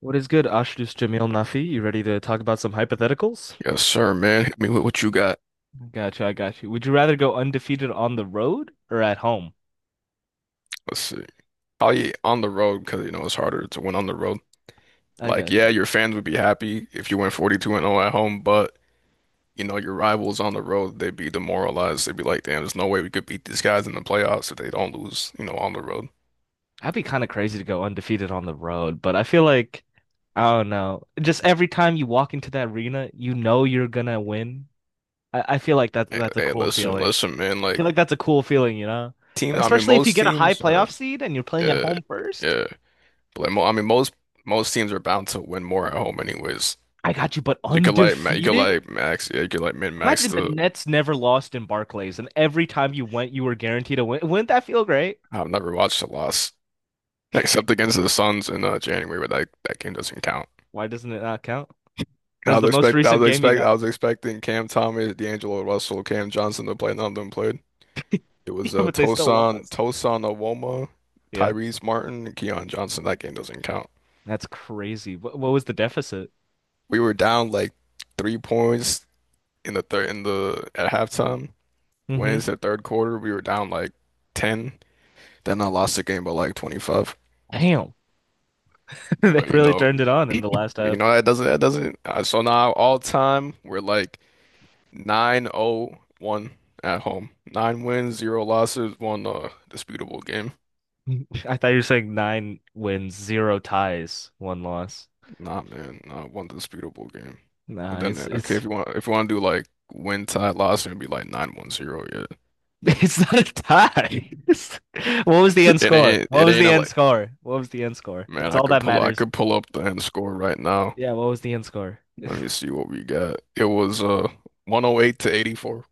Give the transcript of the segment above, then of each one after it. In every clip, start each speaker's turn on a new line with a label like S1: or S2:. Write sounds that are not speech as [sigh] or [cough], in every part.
S1: What is good, Ashdus Jamil Nafi? You ready to talk about some hypotheticals?
S2: Yes, sir, man. Hit me with what you got.
S1: Gotcha, I got you. Would you rather go undefeated on the road or at home?
S2: Let's see. Probably on the road because you know it's harder to win on the road.
S1: I
S2: Like,
S1: got
S2: yeah,
S1: you.
S2: your fans would be happy if you went 42-0 at home, but you know your rivals on the road, they'd be demoralized. They'd be like, "Damn, there's no way we could beat these guys in the playoffs if they don't lose, you know, on the road."
S1: That'd be kind of crazy to go undefeated on the road, but I feel like I don't know. Just every time you walk into that arena, you know you're gonna win. I feel like that
S2: Hey,
S1: that's a
S2: hey,
S1: cool
S2: listen,
S1: feeling.
S2: listen, man.
S1: I feel
S2: Like,
S1: like that's a cool feeling, you know?
S2: teams.
S1: And
S2: I mean,
S1: especially if you
S2: most
S1: get a high
S2: teams are,
S1: playoff seed and you're playing at
S2: yeah,
S1: home first.
S2: yeah. But like, mo I mean, most teams are bound to win more at home, anyways.
S1: I got you, but
S2: So you could like, you could
S1: undefeated?
S2: like max, yeah, you could like min max
S1: Imagine the
S2: the.
S1: Nets never lost in Barclays, and every time you went, you were guaranteed a win. Wouldn't that feel great?
S2: I've never watched a loss. Except against the Suns in January, but that game doesn't count.
S1: Why doesn't it not count?
S2: I
S1: That's the
S2: was
S1: most [laughs]
S2: expect I
S1: recent
S2: was
S1: game you
S2: expect
S1: got.
S2: I was expecting Cam Thomas, D'Angelo Russell, Cam Johnson to play. None of them played. It
S1: [laughs] Yeah,
S2: was
S1: but they still
S2: Tosan
S1: lost.
S2: Tosan Awoma,
S1: Yeah,
S2: Tyrese Martin, and Keon Johnson. That game doesn't count.
S1: that's crazy. What was the deficit?
S2: We were down like 3 points in the third in the at halftime. Went
S1: Hmm.
S2: into the third quarter, we were down like ten. Then I lost the game by like 25.
S1: Damn. [laughs] They
S2: But you
S1: really
S2: know,
S1: turned it on
S2: [clears throat]
S1: in
S2: you
S1: the last half.
S2: know that doesn't. So now all time we're like 9-0-1 at home. Nine wins, zero losses, one disputable game.
S1: [laughs] I thought you were saying nine wins, zero ties, one loss.
S2: Nah, man, not one disputable game. But
S1: Nah,
S2: then okay,
S1: it's
S2: if you want to do like win tie loss, it'd be like 9-1-0. Yeah.
S1: [laughs] It's not a tie.
S2: [laughs]
S1: [laughs] What was the end score? What
S2: It
S1: was
S2: ain't
S1: the
S2: a,
S1: end
S2: like
S1: score? What was the end score?
S2: Man,
S1: That's
S2: I
S1: all
S2: could
S1: that
S2: pull I
S1: matters.
S2: could pull up the end score right now.
S1: Yeah, what was the end score?
S2: Let me
S1: [laughs]
S2: see what we got. It was 108-84.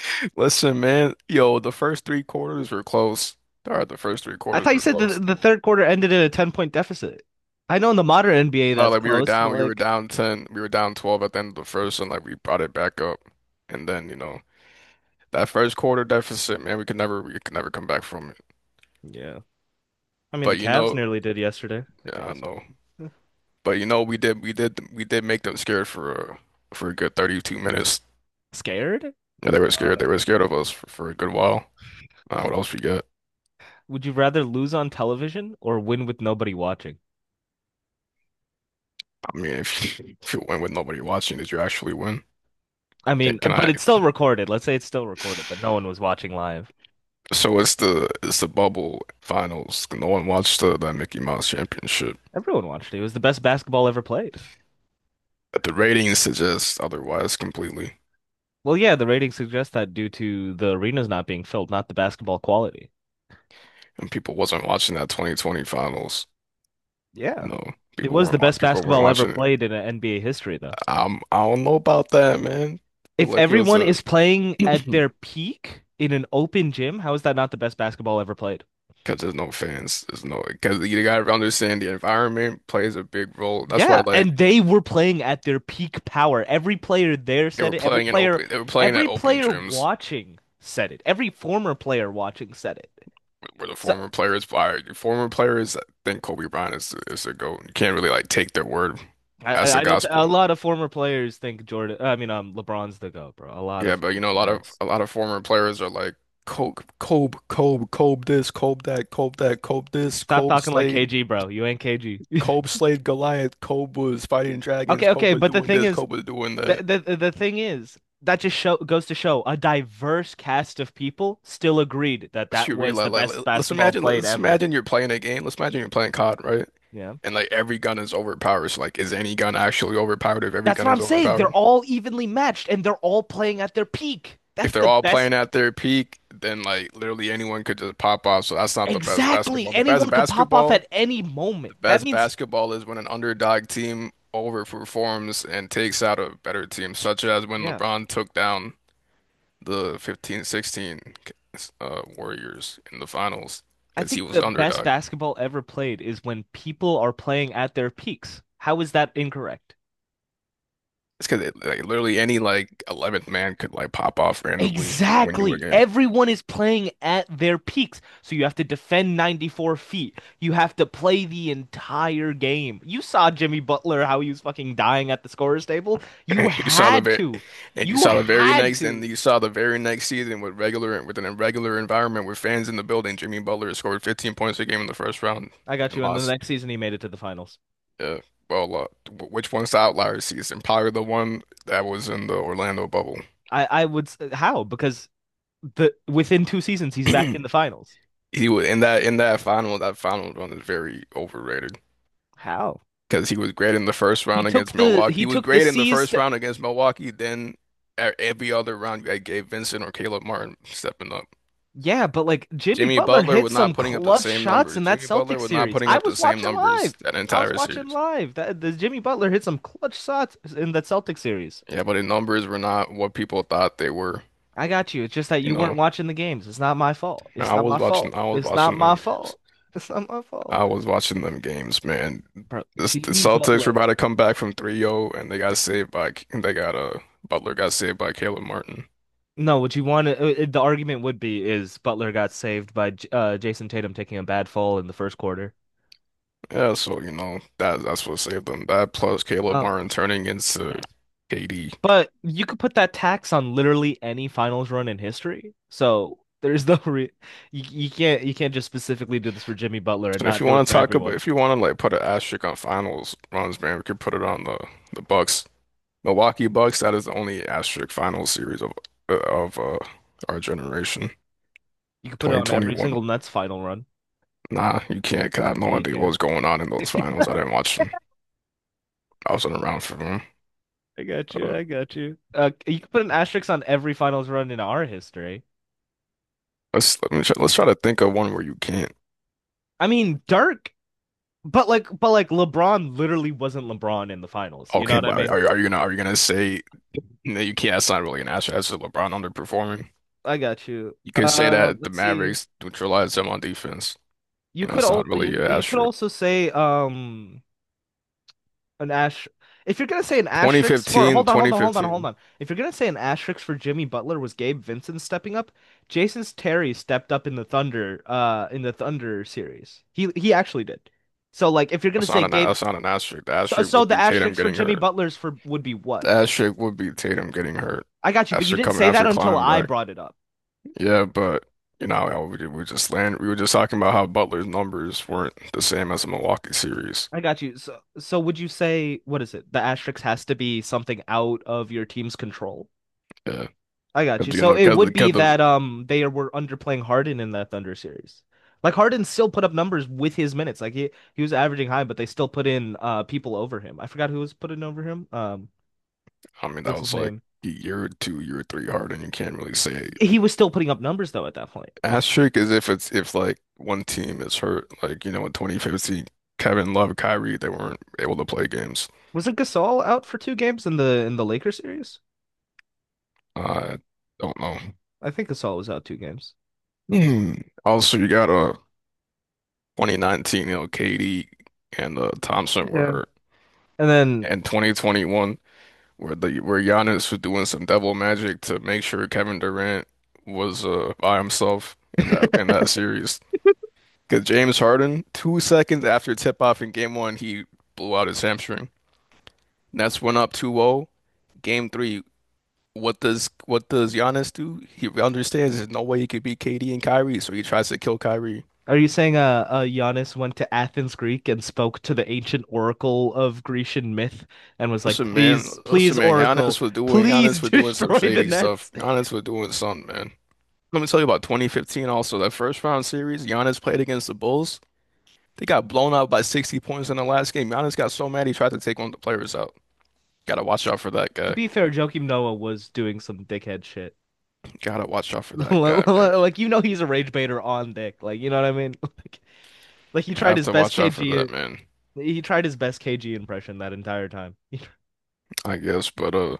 S2: [laughs] Listen, man, yo, the first three quarters were close. All right, the first three
S1: I
S2: quarters
S1: thought you
S2: were
S1: said the
S2: close.
S1: the third quarter ended in a 10 point deficit. I know in the modern NBA
S2: No,
S1: that's
S2: like
S1: close, but
S2: we were
S1: like,
S2: down 10, we were down 12 at the end of the first, and like we brought it back up. And then, that first quarter deficit, man, we could never come back from it.
S1: yeah. I mean, the
S2: But you
S1: Cavs
S2: know,
S1: nearly did yesterday. The
S2: yeah, I
S1: Cavs.
S2: know. But you know, we did make them scared for a good 32 minutes.
S1: Scared?
S2: Yeah, they were
S1: I
S2: scared. They were
S1: don't-
S2: scared of us for a good while. What else we got?
S1: Would you rather lose on television or win with nobody watching?
S2: I mean, if you, [laughs] if you win with nobody watching, did you actually win?
S1: I mean,
S2: Can
S1: but
S2: I?
S1: it's still recorded. Let's say it's still recorded, but no one was watching live.
S2: So it's the bubble finals. No one watched the Mickey Mouse Championship.
S1: Everyone watched it. It was the best basketball ever played.
S2: But the ratings suggest otherwise completely.
S1: Well, yeah, the ratings suggest that due to the arenas not being filled, not the basketball quality.
S2: And people wasn't watching that 2020 finals.
S1: Yeah.
S2: You know,
S1: It was the best
S2: people weren't
S1: basketball ever
S2: watching it.
S1: played in NBA history, though.
S2: I don't know about that, man. I feel
S1: If
S2: like it was
S1: everyone
S2: a
S1: is playing
S2: [clears throat]
S1: at
S2: because
S1: their peak in an open gym, how is that not the best basketball ever played?
S2: there's no fans. There's no Because you gotta understand the environment plays a big role. That's why
S1: Yeah,
S2: like
S1: and they were playing at their peak power. Every player there said it.
S2: they were playing at
S1: Every
S2: open
S1: player
S2: gyms
S1: watching said it. Every former player watching said it.
S2: where the
S1: So
S2: former players by former players I think Kobe Bryant is a GOAT. You can't really like take their word
S1: I,
S2: as
S1: I
S2: the
S1: I don't. A
S2: gospel.
S1: lot of former players think Jordan. I mean, LeBron's the GOAT, bro. A lot of
S2: Yeah, but you
S1: former
S2: know,
S1: players.
S2: a lot of former players are like Kobe, Kobe, Kobe, Kobe this, Kobe that, Kobe that, Kobe this,
S1: Stop
S2: Kobe
S1: talking like
S2: Slade,
S1: KG, bro. You ain't KG. [laughs]
S2: Kobe Slade Goliath, Kobe was fighting dragons,
S1: Okay,
S2: Kobe
S1: okay,
S2: was
S1: but the
S2: doing
S1: thing
S2: this,
S1: is,
S2: Kobe was doing that.
S1: the thing is, that just show goes to show a diverse cast of people still agreed that
S2: But
S1: that
S2: you
S1: was
S2: realize,
S1: the
S2: like,
S1: best basketball played
S2: let's
S1: ever.
S2: imagine you're playing a game. Let's imagine you're playing COD, right?
S1: Yeah.
S2: And like every gun is overpowered. So like, is any gun actually overpowered if every
S1: That's
S2: gun
S1: what
S2: is
S1: I'm saying. They're
S2: overpowered?
S1: all evenly matched and they're all playing at their peak.
S2: If
S1: That's
S2: they're
S1: the
S2: all
S1: best.
S2: playing at their peak, then like literally anyone could just pop off. So that's not the best
S1: Exactly.
S2: basketball. The best
S1: Anyone could pop off
S2: basketball.
S1: at any moment.
S2: The
S1: That
S2: best
S1: means,
S2: basketball is when an underdog team overperforms and takes out a better team, such as when
S1: yeah,
S2: LeBron took down the 15-16 Warriors in the finals
S1: I
S2: because he
S1: think
S2: was
S1: the
S2: the
S1: best
S2: underdog.
S1: basketball ever played is when people are playing at their peaks. How is that incorrect?
S2: It's because like literally any like 11th man could like pop off randomly and win you a
S1: Exactly.
S2: game. [laughs]
S1: Everyone is playing at their peaks. So you have to defend 94 feet. You have to play the entire game. You saw Jimmy Butler, how he was fucking dying at the scorer's table. You
S2: And you saw
S1: had to. You had
S2: and
S1: to.
S2: you saw the very next season with regular with an irregular environment with fans in the building. Jimmy Butler scored 15 points a game in the first round
S1: I got you.
S2: and
S1: And the
S2: lost.
S1: next season, he made it to the finals.
S2: Yeah. Well, which one's the outlier season? Probably the one that was in the Orlando bubble.
S1: I would, s- how? Because the within two seasons,
S2: [clears throat]
S1: he's back in the finals.
S2: He was in that final. That final run is very overrated
S1: How?
S2: because he was great in the first
S1: He
S2: round
S1: took
S2: against
S1: the
S2: Milwaukee.
S1: he
S2: He was
S1: took the
S2: great in the
S1: C's.
S2: first round against Milwaukee. Then every other round that gave Vincent or Caleb Martin stepping up.
S1: Yeah, but like Jimmy
S2: Jimmy
S1: Butler
S2: Butler
S1: hit
S2: was
S1: some
S2: not putting up the
S1: clutch
S2: same
S1: shots in
S2: numbers.
S1: that
S2: Jimmy Butler
S1: Celtics
S2: was not
S1: series.
S2: putting
S1: I
S2: up the
S1: was
S2: same
S1: watching
S2: numbers
S1: live.
S2: that
S1: I was
S2: entire
S1: watching
S2: series.
S1: live. That the Jimmy Butler hit some clutch shots in that Celtics series.
S2: Yeah, but the numbers were not what people thought they were.
S1: I got you. It's just that
S2: You
S1: you weren't
S2: know,
S1: watching the games. It's not my fault. It's
S2: I
S1: not my
S2: was watching.
S1: fault.
S2: I was
S1: It's not
S2: watching them
S1: my
S2: games.
S1: fault. It's not my
S2: I
S1: fault.
S2: was watching them games, man.
S1: Bro,
S2: The
S1: Jimmy
S2: Celtics were
S1: Butler.
S2: about to come back from 3-0, and they got saved by they got Butler got saved by Caleb Martin.
S1: No, what you want to, the argument would be is Butler got saved by J- Jason Tatum taking a bad fall in the first quarter.
S2: Yeah, so you know that that's what saved them. That plus Caleb
S1: No.
S2: Martin turning into KD.
S1: But you could put that tax on literally any finals run in history. So there's [laughs] no re you can't you can't just specifically do this for Jimmy Butler and
S2: So if
S1: not
S2: you
S1: do it
S2: want to
S1: for
S2: talk about,
S1: everyone.
S2: if you want to like put an asterisk on finals runs, man, we could put it on the Bucks, Milwaukee Bucks. That is the only asterisk finals series of uh, of uh, our generation,
S1: You could put it on every
S2: 2021.
S1: single Nets final run.
S2: Nah, you can't. 'Cause I have
S1: Yeah,
S2: no
S1: you
S2: idea what
S1: can.
S2: was going on in those finals. I
S1: [laughs]
S2: didn't watch them. I wasn't around for them.
S1: I got
S2: Uh,
S1: you. I got you. You could put an asterisk on every finals run in our history.
S2: let's try to think of one where you can't.
S1: I mean, Dirk, but like LeBron literally wasn't LeBron in the finals. You know
S2: Okay,
S1: what I
S2: but
S1: mean?
S2: are you gonna say no? You can't. That's not really an answer. That's just LeBron underperforming.
S1: I got you.
S2: You can say that the
S1: Let's see.
S2: Mavericks neutralized them on defense.
S1: You
S2: You know,
S1: could
S2: it's
S1: all
S2: not
S1: you
S2: really an
S1: you could
S2: asterisk.
S1: also say an ash. If you're gonna say an asterisk for, hold on, hold
S2: Twenty
S1: on, hold on, hold
S2: fifteen.
S1: on. If you're gonna say an asterisk for Jimmy Butler was Gabe Vincent stepping up, Jason Terry stepped up in the Thunder series. He actually did. So like, if you're gonna say Gabe,
S2: That's not an asterisk. The
S1: so
S2: asterisk
S1: so
S2: would
S1: the
S2: be Tatum
S1: asterisk for
S2: getting
S1: Jimmy
S2: hurt.
S1: Butler's for would be
S2: The
S1: what?
S2: asterisk would be Tatum getting hurt
S1: I got you, but you didn't say that
S2: after
S1: until
S2: climbing
S1: I
S2: back.
S1: brought it up.
S2: Yeah, but you know, we just land. We were just talking about how Butler's numbers weren't the same as the Milwaukee series.
S1: I got you. So would you say what is it? The asterisk has to be something out of your team's control?
S2: Yeah.
S1: I got
S2: Cause
S1: you.
S2: you
S1: So
S2: know,
S1: it would be that they were underplaying Harden in that Thunder series. Like Harden still put up numbers with his minutes. Like he was averaging high, but they still put in people over him. I forgot who was putting over him.
S2: I mean, that
S1: What's his
S2: was like
S1: name?
S2: year two, year three hard, and you can't really say
S1: He was still putting up numbers though at that point.
S2: asterisk is if like one team is hurt, like you know, in 2015, Kevin Love, Kyrie, they weren't able to play games.
S1: Wasn't Gasol out for two games in the Lakers series?
S2: I don't know. [clears throat]
S1: I think Gasol was out two games.
S2: Hmm. Also, you got 2019, you know, KD and Thompson were
S1: Yeah.
S2: hurt,
S1: And then
S2: and 2021 where the where Giannis was doing some devil magic to make sure Kevin Durant was by himself in that series. Because James Harden, 2 seconds after tip off in game one, he blew out his hamstring. Nets went up 2-0. Game three, what does Giannis do? He understands there's no way he could beat KD and Kyrie, so he tries to kill Kyrie.
S1: are you saying Giannis went to Athens, Greek, and spoke to the ancient oracle of Grecian myth and was like, "Please, please,
S2: Listen, man,
S1: oracle, please [laughs]
S2: Giannis was doing some
S1: destroy the
S2: shady stuff.
S1: Nets."
S2: Giannis was doing something, man. Let me tell you about 2015 also. That first round series, Giannis played against the Bulls. They got blown out by 60 points in the last game. Giannis got so mad he tried to take one of the players out. Gotta watch out for that
S1: To
S2: guy.
S1: be fair, Joakim Noah was doing some dickhead shit.
S2: Gotta watch out for
S1: [laughs]
S2: that guy, man.
S1: Like, you know, he's a rage baiter on dick. Like you know what I mean? [laughs] Like he
S2: You
S1: tried
S2: have
S1: his
S2: to
S1: best
S2: watch out for
S1: KG.
S2: that man,
S1: He tried his best KG impression that entire time. [laughs]
S2: I guess. But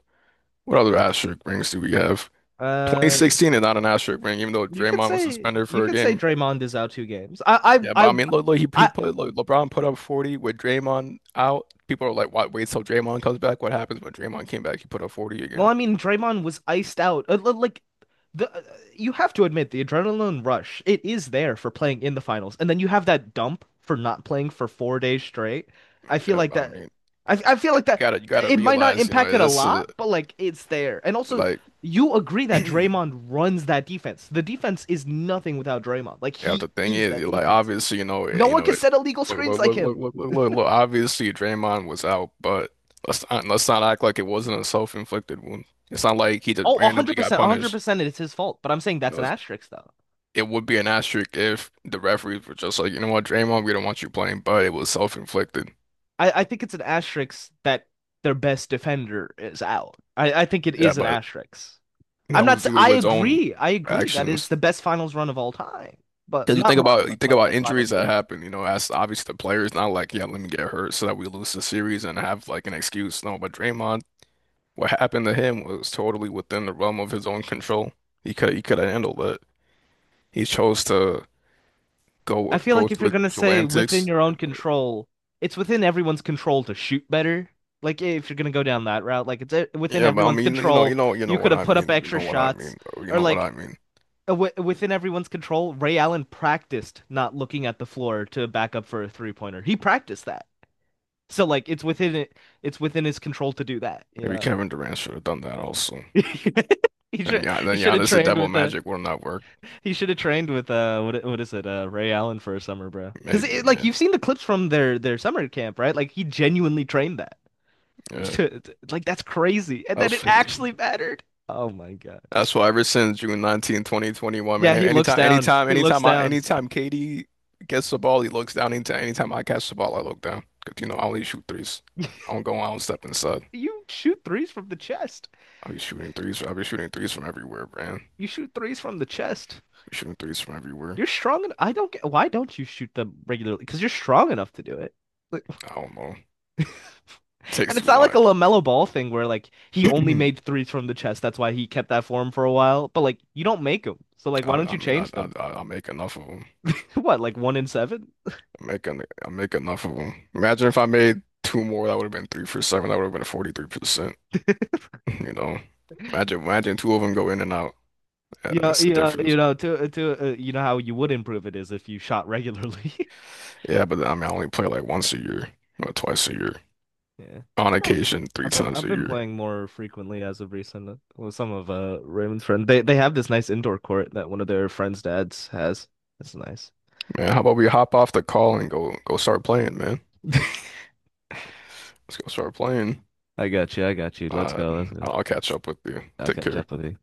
S2: what other asterisk rings do we have?
S1: Uh,
S2: 2016 is not an asterisk ring, even though
S1: you could
S2: Draymond was
S1: say
S2: suspended
S1: you
S2: for a
S1: could say
S2: game.
S1: Draymond is out two games. I
S2: Yeah,
S1: I
S2: but I
S1: I
S2: mean, look, look,
S1: I
S2: LeBron put up 40 with Draymond out. People are like, "What? Wait till Draymond comes back." What happens when Draymond came back? He put up 40
S1: well,
S2: again.
S1: I mean, Draymond was iced out. Like the you have to admit the adrenaline rush. It is there for playing in the finals. And then you have that dump for not playing for four days straight. I feel
S2: Yeah,
S1: like
S2: I mean,
S1: that I feel like that
S2: you gotta
S1: it might not
S2: realize, you
S1: impact
S2: know,
S1: it a
S2: that's
S1: lot, but like it's there. And also
S2: like.
S1: you agree that
S2: [clears throat]
S1: Draymond runs that defense. The defense is nothing without Draymond. Like
S2: Yeah,
S1: he
S2: the thing
S1: is
S2: is,
S1: that
S2: like
S1: defense.
S2: obviously, you know,
S1: No
S2: you
S1: one
S2: know,
S1: can
S2: it,
S1: set illegal
S2: look,
S1: screens
S2: look,
S1: like
S2: look, look,
S1: him.
S2: look, look, look, look. Obviously, Draymond was out, but let's not act like it wasn't a self-inflicted wound. It's not like he just
S1: Oh,
S2: randomly got
S1: 100%,
S2: punished.
S1: 100% it's his fault. But I'm saying
S2: You
S1: that's an
S2: know,
S1: asterisk though.
S2: it would be an asterisk if the referees were just like, you know what, Draymond, we don't want you playing, but it was self-inflicted.
S1: I think it's an asterisk that their best defender is out. I think it
S2: Yeah,
S1: is an
S2: but
S1: asterisk. I'm
S2: that
S1: not.
S2: was
S1: S-
S2: due to
S1: I
S2: his own
S1: agree. I agree that it's
S2: actions.
S1: the best finals run of all time, but
S2: Because
S1: not run,
S2: you think
S1: but
S2: about
S1: best finals
S2: injuries that
S1: series.
S2: happen, you know, as obviously the players not like, yeah, let me get hurt so that we lose the series and have like an excuse. No, but Draymond. What happened to him was totally within the realm of his own control. He could have handled it. He chose to
S1: I feel
S2: go
S1: like if
S2: to
S1: you're
S2: his
S1: gonna
S2: usual
S1: say within
S2: antics.
S1: your own
S2: And,
S1: control, it's within everyone's control to shoot better. Like if you're gonna go down that route, like it's within
S2: yeah, but I
S1: everyone's
S2: mean,
S1: control.
S2: you know
S1: You could
S2: what
S1: have
S2: I
S1: put up
S2: mean. You
S1: extra
S2: know what I
S1: shots,
S2: mean, though. You
S1: or
S2: know what
S1: like
S2: I mean.
S1: within everyone's control. Ray Allen practiced not looking at the floor to back up for a three pointer. He practiced that. So like it's within it's within his control to do that, you
S2: Maybe
S1: know.
S2: Kevin Durant should have done that also.
S1: [laughs] He should
S2: And yeah,
S1: he
S2: then
S1: should have
S2: Giannis the
S1: trained
S2: Devil
S1: with
S2: Magic would not work.
S1: he should have trained with what is it Ray Allen for a summer, bro. Because
S2: Maybe,
S1: it, like
S2: man.
S1: you've seen the clips from their summer camp, right? Like he genuinely trained that. [laughs]
S2: Yeah,
S1: To- Like that's crazy, and
S2: that
S1: then it
S2: was.
S1: actually mattered. Oh my God.
S2: That's why ever since June 2021, man,
S1: Yeah, he looks down. He looks down.
S2: anytime Katie gets the ball, he looks down. Anytime I catch the ball, I look down. 'Cause, you know, I only shoot threes. I don't step inside.
S1: You shoot threes from the chest.
S2: I'll be shooting threes. I'll be shooting threes from everywhere, man.
S1: You shoot threes from the chest.
S2: Be shooting threes from everywhere.
S1: You're strong enough. I don't get why don't you shoot them regularly? Because you're strong enough to do it. Like-
S2: I don't know.
S1: [laughs]
S2: It takes
S1: And it's
S2: too
S1: not like
S2: long.
S1: a LaMelo Ball thing where like he only made
S2: [clears throat]
S1: threes from the chest. That's why he kept that form for a while. But like you don't make them. So like why don't
S2: I
S1: you
S2: mean,
S1: change them? [laughs]
S2: I make enough of them.
S1: What, like one in seven?
S2: I make enough of them. Imagine if I made two more, that would have been three for seven. That would have been 43%. [laughs] You know, imagine two of them go in and out. Yeah,
S1: You know,
S2: that's the
S1: you know, you
S2: difference.
S1: know, to You know how you would improve it is if you shot regularly. [laughs]
S2: Yeah, but I mean, I only play like once a year or twice a year.
S1: Yeah.
S2: On
S1: I don't,
S2: occasion, three
S1: I've been
S2: times
S1: I've
S2: a
S1: been
S2: year.
S1: playing more frequently as of recent with some of Raymond's friends. They have this nice indoor court that one of their friends' dads has. That's nice.
S2: Man, how about we hop off the call and go start playing, man?
S1: [laughs]
S2: Let's go start playing.
S1: I got you. I got you. Let's
S2: Uh,
S1: go. Let's go.
S2: I'll catch up with you.
S1: I'll
S2: Take
S1: catch
S2: care.
S1: up with you.